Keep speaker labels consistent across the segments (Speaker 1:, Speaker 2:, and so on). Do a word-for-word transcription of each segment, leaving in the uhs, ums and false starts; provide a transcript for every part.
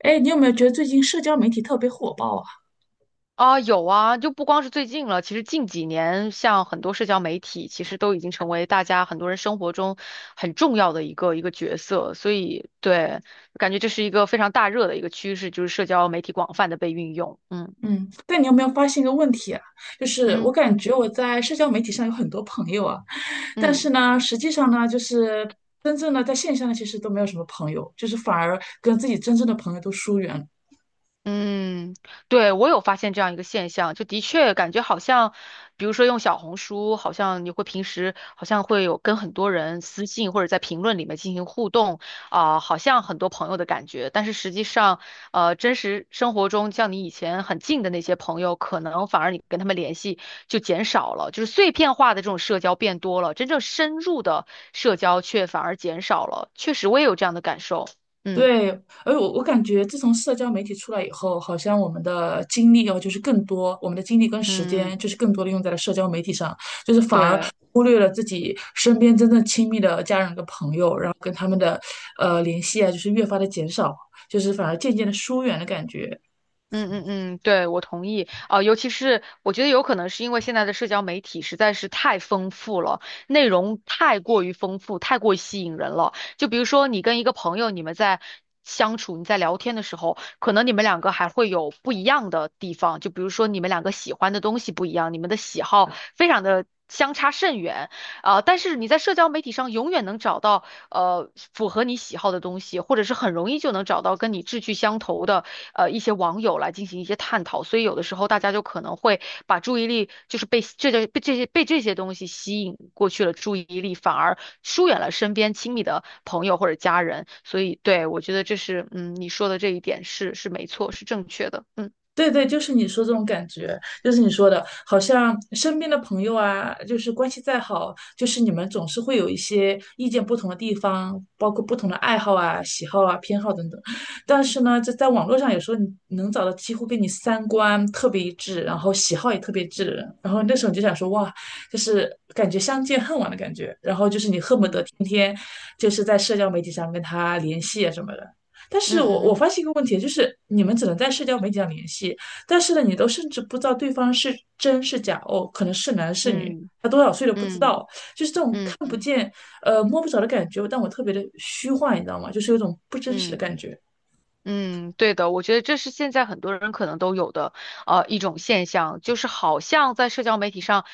Speaker 1: 哎，你有没有觉得最近社交媒体特别火爆啊？
Speaker 2: 啊，有啊，就不光是最近了，其实近几年，像很多社交媒体，其实都已经成为大家很多人生活中很重要的一个一个角色。所以，对，感觉这是一个非常大热的一个趋势，就是社交媒体广泛的被运用。嗯
Speaker 1: 嗯，但你有没有发现一个问题啊？就是我
Speaker 2: 嗯
Speaker 1: 感觉我在社交媒体上有很多朋友啊，但
Speaker 2: 嗯。
Speaker 1: 是呢，实际上呢，就是真正的在线下呢，其实都没有什么朋友，就是反而跟自己真正的朋友都疏远了。
Speaker 2: 嗯，对，我有发现这样一个现象，就的确感觉好像，比如说用小红书，好像你会平时好像会有跟很多人私信或者在评论里面进行互动，啊、好像很多朋友的感觉，但是实际上，呃，真实生活中像你以前很近的那些朋友，可能反而你跟他们联系就减少了，就是碎片化的这种社交变多了，真正深入的社交却反而减少了，确实我也有这样的感受，嗯
Speaker 1: 对，而我我感觉自从社交媒体出来以后，好像我们的精力哦，就是更多，我们的精力跟时
Speaker 2: 嗯，
Speaker 1: 间就是更多的用在了社交媒体上，就是反而
Speaker 2: 对。
Speaker 1: 忽略了自己身边真正亲密的家人跟朋友，然后跟他们的呃联系啊，就是越发的减少，就是反而渐渐的疏远的感觉。
Speaker 2: 嗯嗯嗯，对，我同意。啊、尤其是我觉得有可能是因为现在的社交媒体实在是太丰富了，内容太过于丰富，太过于吸引人了。就比如说你跟一个朋友，你们在相处，你在聊天的时候，可能你们两个还会有不一样的地方，就比如说你们两个喜欢的东西不一样，你们的喜好非常的相差甚远。啊、但是你在社交媒体上永远能找到。呃符合你喜好的东西，或者是很容易就能找到跟你志趣相投的呃一些网友来进行一些探讨，所以有的时候大家就可能会把注意力就是被这些被这些被这些东西吸引过去了注意力，反而疏远了身边亲密的朋友或者家人，所以对我觉得这是嗯你说的这一点是是没错，是正确的，嗯
Speaker 1: 对对，就是你说这种感觉，就是你说的，好像身边的朋友啊，就是关系再好，就是你们总是会有一些意见不同的地方，包括不同的爱好啊、喜好啊、偏好等等。但是呢，这在网络上有时候你能找到几乎跟你三观特别一致，然后喜好也特别一致的人，然后那时候你就想说，哇，就是感觉相见恨晚的感觉，然后就是你恨不得
Speaker 2: 嗯。
Speaker 1: 天天就是在社交媒体上跟他联系啊什么的。但是
Speaker 2: 嗯
Speaker 1: 我我
Speaker 2: 嗯
Speaker 1: 发现一个问题，就是你们只能在社交媒体上联系，但是呢，你都甚至不知道对方是真是假哦，可能是男是女，
Speaker 2: 嗯
Speaker 1: 他多少岁都不知
Speaker 2: 嗯
Speaker 1: 道，就是这种看
Speaker 2: 嗯
Speaker 1: 不
Speaker 2: 嗯
Speaker 1: 见、呃摸不着的感觉，但我特别的虚幻，你知道吗？就是有种不真实的
Speaker 2: 嗯。
Speaker 1: 感觉。
Speaker 2: 嗯，对的，我觉得这是现在很多人可能都有的，呃，一种现象，就是好像在社交媒体上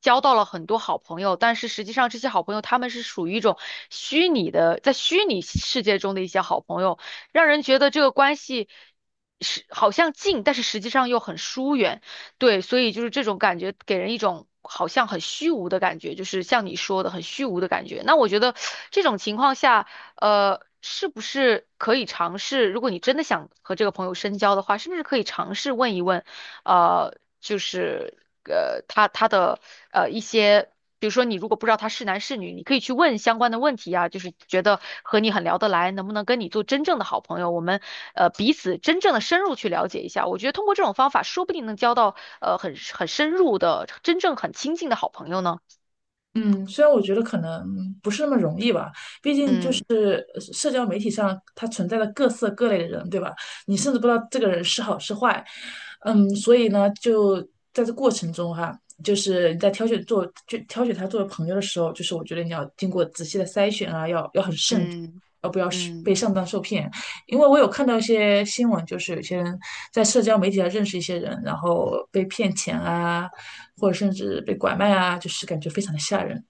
Speaker 2: 交到了很多好朋友，但是实际上这些好朋友他们是属于一种虚拟的，在虚拟世界中的一些好朋友，让人觉得这个关系是好像近，但是实际上又很疏远。对，所以就是这种感觉，给人一种好像很虚无的感觉，就是像你说的很虚无的感觉。那我觉得这种情况下。呃，是不是可以尝试？如果你真的想和这个朋友深交的话，是不是可以尝试问一问？呃，就是呃，他他的呃一些，比如说你如果不知道他是男是女，你可以去问相关的问题啊，就是觉得和你很聊得来，能不能跟你做真正的好朋友？我们呃彼此真正的深入去了解一下。我觉得通过这种方法，说不定能交到呃很很深入的、真正很亲近的好朋友呢。
Speaker 1: 嗯，虽然我觉得可能不是那么容易吧，毕竟就是
Speaker 2: 嗯
Speaker 1: 呃社交媒体上它存在的各色各类的人，对吧？你甚至不知道这个人是好是坏，嗯，所以呢，就在这过程中哈，就是你在挑选做就挑选他作为朋友的时候，就是我觉得你要经过仔细的筛选啊，要要很慎重，
Speaker 2: 嗯
Speaker 1: 要不要是被
Speaker 2: 嗯。
Speaker 1: 上当受骗？因为我有看到一些新闻，就是有些人在社交媒体上认识一些人，然后被骗钱啊，或者甚至被拐卖啊，就是感觉非常的吓人。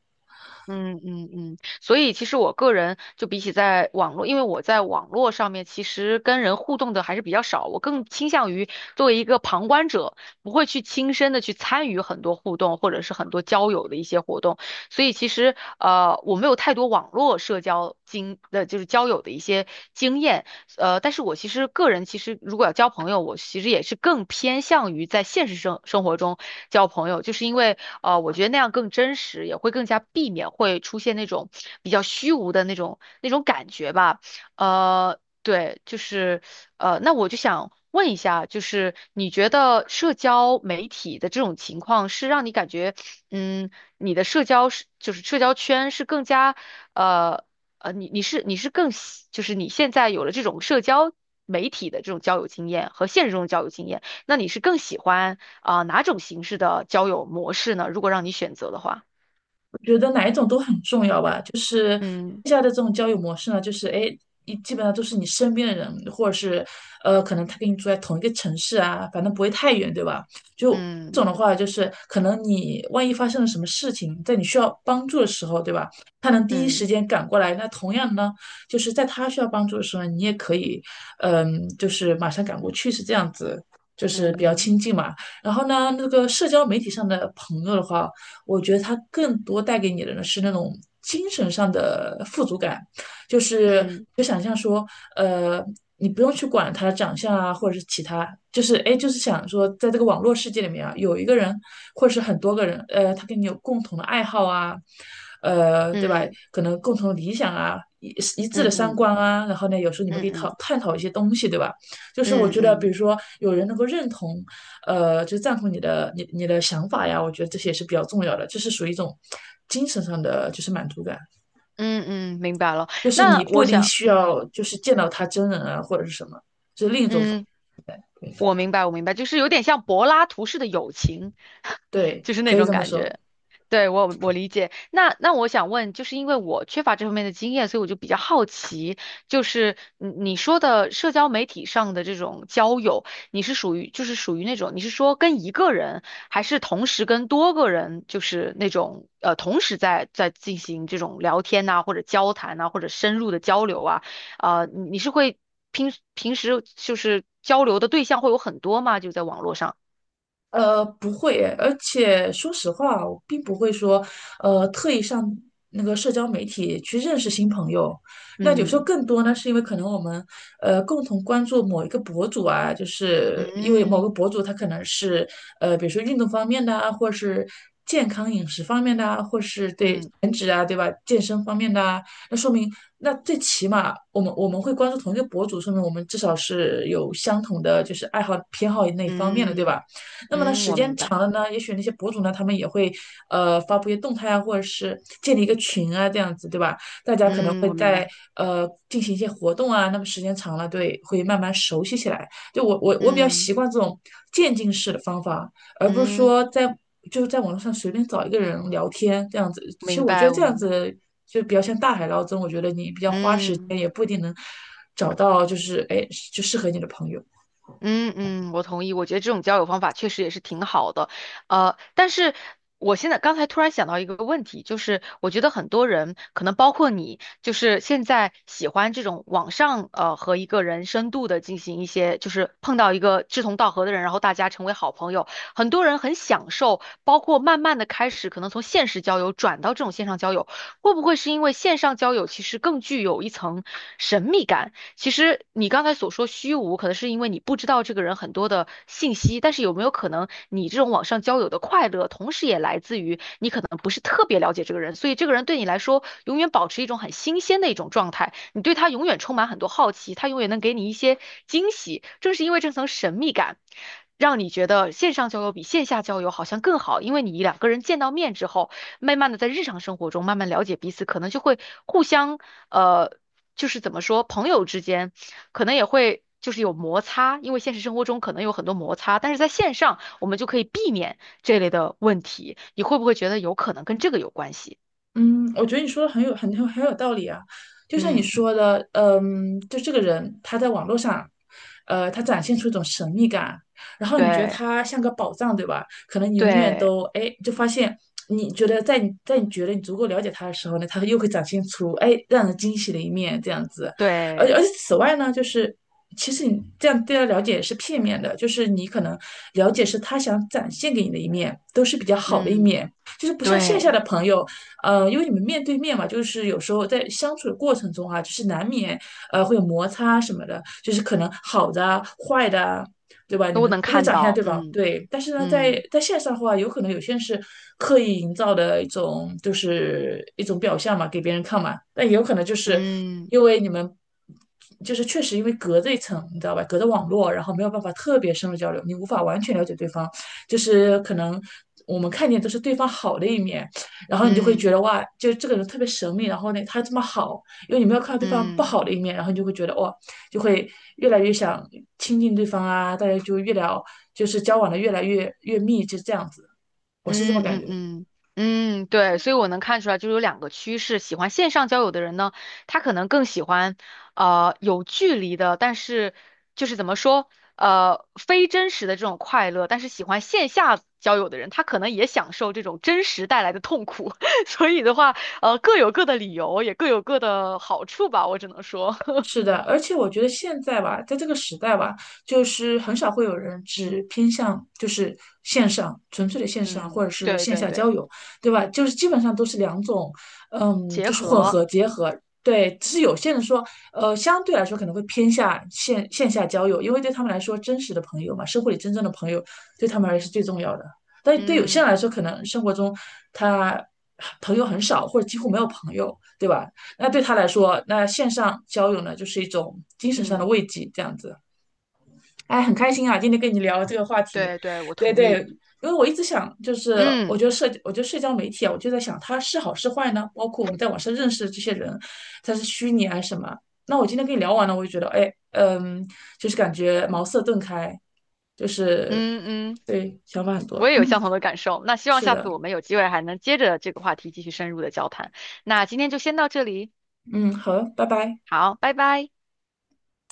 Speaker 2: 嗯嗯嗯，所以其实我个人就比起在网络，因为我在网络上面其实跟人互动的还是比较少，我更倾向于作为一个旁观者，不会去亲身的去参与很多互动或者是很多交友的一些活动，所以其实呃我没有太多网络社交经呃就是交友的一些经验，呃，但是我其实个人其实如果要交朋友，我其实也是更偏向于在现实生生活中交朋友，就是因为。呃，我觉得那样更真实，也会更加避免会出现那种比较虚无的那种那种感觉吧。呃，对，就是呃，那我就想问一下，就是你觉得社交媒体的这种情况是让你感觉，嗯，你的社交是就是社交圈是更加呃呃，你你是你是更喜就是你现在有了这种社交媒体的这种交友经验和现实中的交友经验。那你是更喜欢啊、哪种形式的交友模式呢？如果让你选择的话，
Speaker 1: 觉得哪一种都很重要吧。就是
Speaker 2: 嗯
Speaker 1: 现在的这种交友模式呢，就是哎，你基本上都是你身边的人，或者是呃，可能他跟你住在同一个城市啊，反正不会太远，对吧？就这种
Speaker 2: 嗯
Speaker 1: 的话，就是可能你万一发生了什么事情，在你需要帮助的时候，对吧？他能第一时
Speaker 2: 嗯
Speaker 1: 间赶过来。那同样呢，就是在他需要帮助的时候，你也可以，嗯，就是马上赶过去，是这样子。就是比较
Speaker 2: 嗯
Speaker 1: 亲近嘛，然后呢，那个社交媒体上的朋友的话，我觉得它更多带给你的呢是那种精神上的富足感，就是
Speaker 2: 嗯
Speaker 1: 就想象说，呃，你不用去管他的长相啊，或者是其他，就是哎，就是想说，在这个网络世界里面啊，有一个人或者是很多个人，呃，他跟你有共同的爱好啊，呃，对吧？
Speaker 2: 嗯
Speaker 1: 可能共同的理想啊，一一致的
Speaker 2: 嗯
Speaker 1: 三
Speaker 2: 嗯
Speaker 1: 观啊，然后呢，有时候你们可
Speaker 2: 嗯
Speaker 1: 以讨
Speaker 2: 嗯
Speaker 1: 探讨一些东西，对吧？就是我
Speaker 2: 嗯
Speaker 1: 觉得，比如
Speaker 2: 嗯
Speaker 1: 说有人能够认同呃，就赞同你的你你的想法呀，我觉得这些也是比较重要的，这是属于一种精神上的就是满足感，
Speaker 2: 嗯嗯，明白了。
Speaker 1: 就是
Speaker 2: 那
Speaker 1: 你不
Speaker 2: 我
Speaker 1: 一定
Speaker 2: 想，
Speaker 1: 需
Speaker 2: 嗯
Speaker 1: 要就是见到他真人啊或者是什么，
Speaker 2: 嗯，我明白，我明白，就是有点像柏拉图式的友情。
Speaker 1: 对，
Speaker 2: 就是那
Speaker 1: 可以
Speaker 2: 种
Speaker 1: 这么
Speaker 2: 感
Speaker 1: 说。
Speaker 2: 觉。对，我我理解。那那我想问，就是因为我缺乏这方面的经验，所以我就比较好奇，就是你你说的社交媒体上的这种交友，你是属于就是属于那种，你是说跟一个人，还是同时跟多个人，就是那种呃同时在在进行这种聊天呐、或者交谈呐、或者深入的交流啊，呃，你你是会平平时就是交流的对象会有很多吗？就在网络上，
Speaker 1: 呃，不会诶而且说实话，我并不会说，呃，特意上那个社交媒体去认识新朋友。那有时候
Speaker 2: 嗯
Speaker 1: 更多呢，是因为可能我们呃共同关注某一个博主啊，就是因为某个
Speaker 2: 嗯。
Speaker 1: 博主他可能是呃，比如说运动方面的啊，或是健康饮食方面的啊，或是对
Speaker 2: 嗯，
Speaker 1: 减脂啊，对吧？健身方面的啊，那说明那最起码我们我们会关注同一个博主，说明我们至少是有相同的就是爱好偏好那一方面的，对
Speaker 2: 嗯
Speaker 1: 吧？那么呢，
Speaker 2: 嗯，
Speaker 1: 时
Speaker 2: 我明
Speaker 1: 间
Speaker 2: 白，
Speaker 1: 长了呢，也许那些博主呢，他们也会呃发布一些动态啊，或者是建立一个群啊，这样子，对吧？大家可能
Speaker 2: 嗯，
Speaker 1: 会
Speaker 2: 我明
Speaker 1: 在
Speaker 2: 白，
Speaker 1: 呃进行一些活动啊，那么时间长了，对，会慢慢熟悉起来。就我我我比较
Speaker 2: 嗯
Speaker 1: 习惯这种渐进式的方法，而不是
Speaker 2: 嗯，
Speaker 1: 说在就是在网络上随便找一个人聊天这样子。其实
Speaker 2: 明
Speaker 1: 我觉得
Speaker 2: 白，我
Speaker 1: 这样
Speaker 2: 明白，
Speaker 1: 子就比较像大海捞针，我觉得你比较花时
Speaker 2: 嗯。
Speaker 1: 间，也不一定能找到就是哎就适合你的朋友。
Speaker 2: 嗯嗯，我同意。我觉得这种交友方法确实也是挺好的，呃，但是我现在刚才突然想到一个问题，就是我觉得很多人，可能包括你，就是现在喜欢这种网上呃和一个人深度的进行一些，就是碰到一个志同道合的人，然后大家成为好朋友。很多人很享受，包括慢慢的开始可能从现实交友转到这种线上交友，会不会是因为线上交友其实更具有一层神秘感？其实你刚才所说虚无，可能是因为你不知道这个人很多的信息，但是有没有可能你这种网上交友的快乐，同时也来自于你可能不是特别了解这个人，所以这个人对你来说永远保持一种很新鲜的一种状态，你对他永远充满很多好奇，他永远能给你一些惊喜。正是因为这层神秘感。让你觉得线上交友比线下交友好像更好，因为你两个人见到面之后，慢慢的在日常生活中慢慢了解彼此，可能就会互相呃就是怎么说，朋友之间可能也会就是有摩擦，因为现实生活中可能有很多摩擦，但是在线上我们就可以避免这类的问题。你会不会觉得有可能跟这个有关系？
Speaker 1: 嗯，我觉得你说的很有很有很有道理啊，就像你
Speaker 2: 嗯，
Speaker 1: 说的，嗯，就这个人他在网络上，呃，他展现出一种神秘感，然后你觉得
Speaker 2: 对
Speaker 1: 他像个宝藏，对吧？可能你永远
Speaker 2: 对
Speaker 1: 都，哎，就发现你觉得在你在你觉得你足够了解他的时候呢，他又会展现出哎让人惊喜的一面，这样子。而
Speaker 2: 对，
Speaker 1: 而且此外呢，就是其实你这样对他了解是片面的，就是你可能了解是他想展现给你的一面，都是比较好的一
Speaker 2: 嗯
Speaker 1: 面。就是不像线下
Speaker 2: 对，
Speaker 1: 的朋友，呃，因为你们面对面嘛，就是有时候在相处的过程中啊，就是难免呃会有摩擦什么的，就是可能好的啊、坏的啊，对吧？你
Speaker 2: 都
Speaker 1: 们
Speaker 2: 能
Speaker 1: 都会
Speaker 2: 看
Speaker 1: 展现
Speaker 2: 到，
Speaker 1: 对方
Speaker 2: 嗯
Speaker 1: 对，但是呢，在
Speaker 2: 嗯
Speaker 1: 在线上的话，有可能有些人是刻意营造的一种就是一种表象嘛，给别人看嘛，但也有可能就是
Speaker 2: 嗯
Speaker 1: 因为你们。就是确实因为隔着一层，你知道吧？隔着网络，然后没有办法特别深入交流，你无法完全了解对方。就是可能我们看见都是对方好的一面，然后你就会觉
Speaker 2: 嗯
Speaker 1: 得哇，就是这个人特别神秘，然后呢，他这么好，因为你没有看到对方不
Speaker 2: 嗯。
Speaker 1: 好的一面，然后你就会觉得哇，就会越来越想亲近对方啊，大家就越聊，就是交往的越来越越密，就这样子，我是这么
Speaker 2: 嗯
Speaker 1: 感
Speaker 2: 嗯
Speaker 1: 觉。
Speaker 2: 嗯嗯，对，所以我能看出来，就是有两个趋势，喜欢线上交友的人呢，他可能更喜欢，呃，有距离的，但是就是怎么说，呃，非真实的这种快乐，但是喜欢线下交友的人，他可能也享受这种真实带来的痛苦，所以的话，呃，各有各的理由，也各有各的好处吧，我只能说，
Speaker 1: 是的，而且我觉得现在吧，在这个时代吧，就是很少会有人只偏向就是线上，纯粹的线上
Speaker 2: 嗯，
Speaker 1: 或者是
Speaker 2: 对
Speaker 1: 线
Speaker 2: 对
Speaker 1: 下
Speaker 2: 对，
Speaker 1: 交友，对吧？就是基本上都是两种，嗯，
Speaker 2: 结
Speaker 1: 就是混
Speaker 2: 合，
Speaker 1: 合结合。对，只是有些人说，呃，相对来说可能会偏向线线下交友，因为对他们来说，真实的朋友嘛，生活里真正的朋友对他们而言是最重要的。但对有些
Speaker 2: 嗯
Speaker 1: 人来说，可能生活中他朋友很少，或者几乎没有朋友，对吧？那对他来说，那线上交友呢，就是一种精神上的
Speaker 2: 嗯，
Speaker 1: 慰藉，这样子。哎，很开心啊，今天跟你聊这个话题。
Speaker 2: 对对，我
Speaker 1: 对
Speaker 2: 同
Speaker 1: 对，
Speaker 2: 意，
Speaker 1: 因为我一直想，就是我觉
Speaker 2: 嗯
Speaker 1: 得社，我觉得社交媒体啊，我就在想它是好是坏呢？包括我们在网上认识的这些人，他是虚拟还是什么？那我今天跟你聊完了，我就觉得，哎，嗯，就是感觉茅塞顿开，就是
Speaker 2: 嗯嗯。
Speaker 1: 对，想法很多。
Speaker 2: 我也
Speaker 1: 嗯，
Speaker 2: 有相同的感受。那希望
Speaker 1: 是
Speaker 2: 下
Speaker 1: 的，
Speaker 2: 次我们有机会还能接着这个话题继续深入的交谈。那今天就先到这里，
Speaker 1: 嗯，好，拜拜。
Speaker 2: 好，拜拜。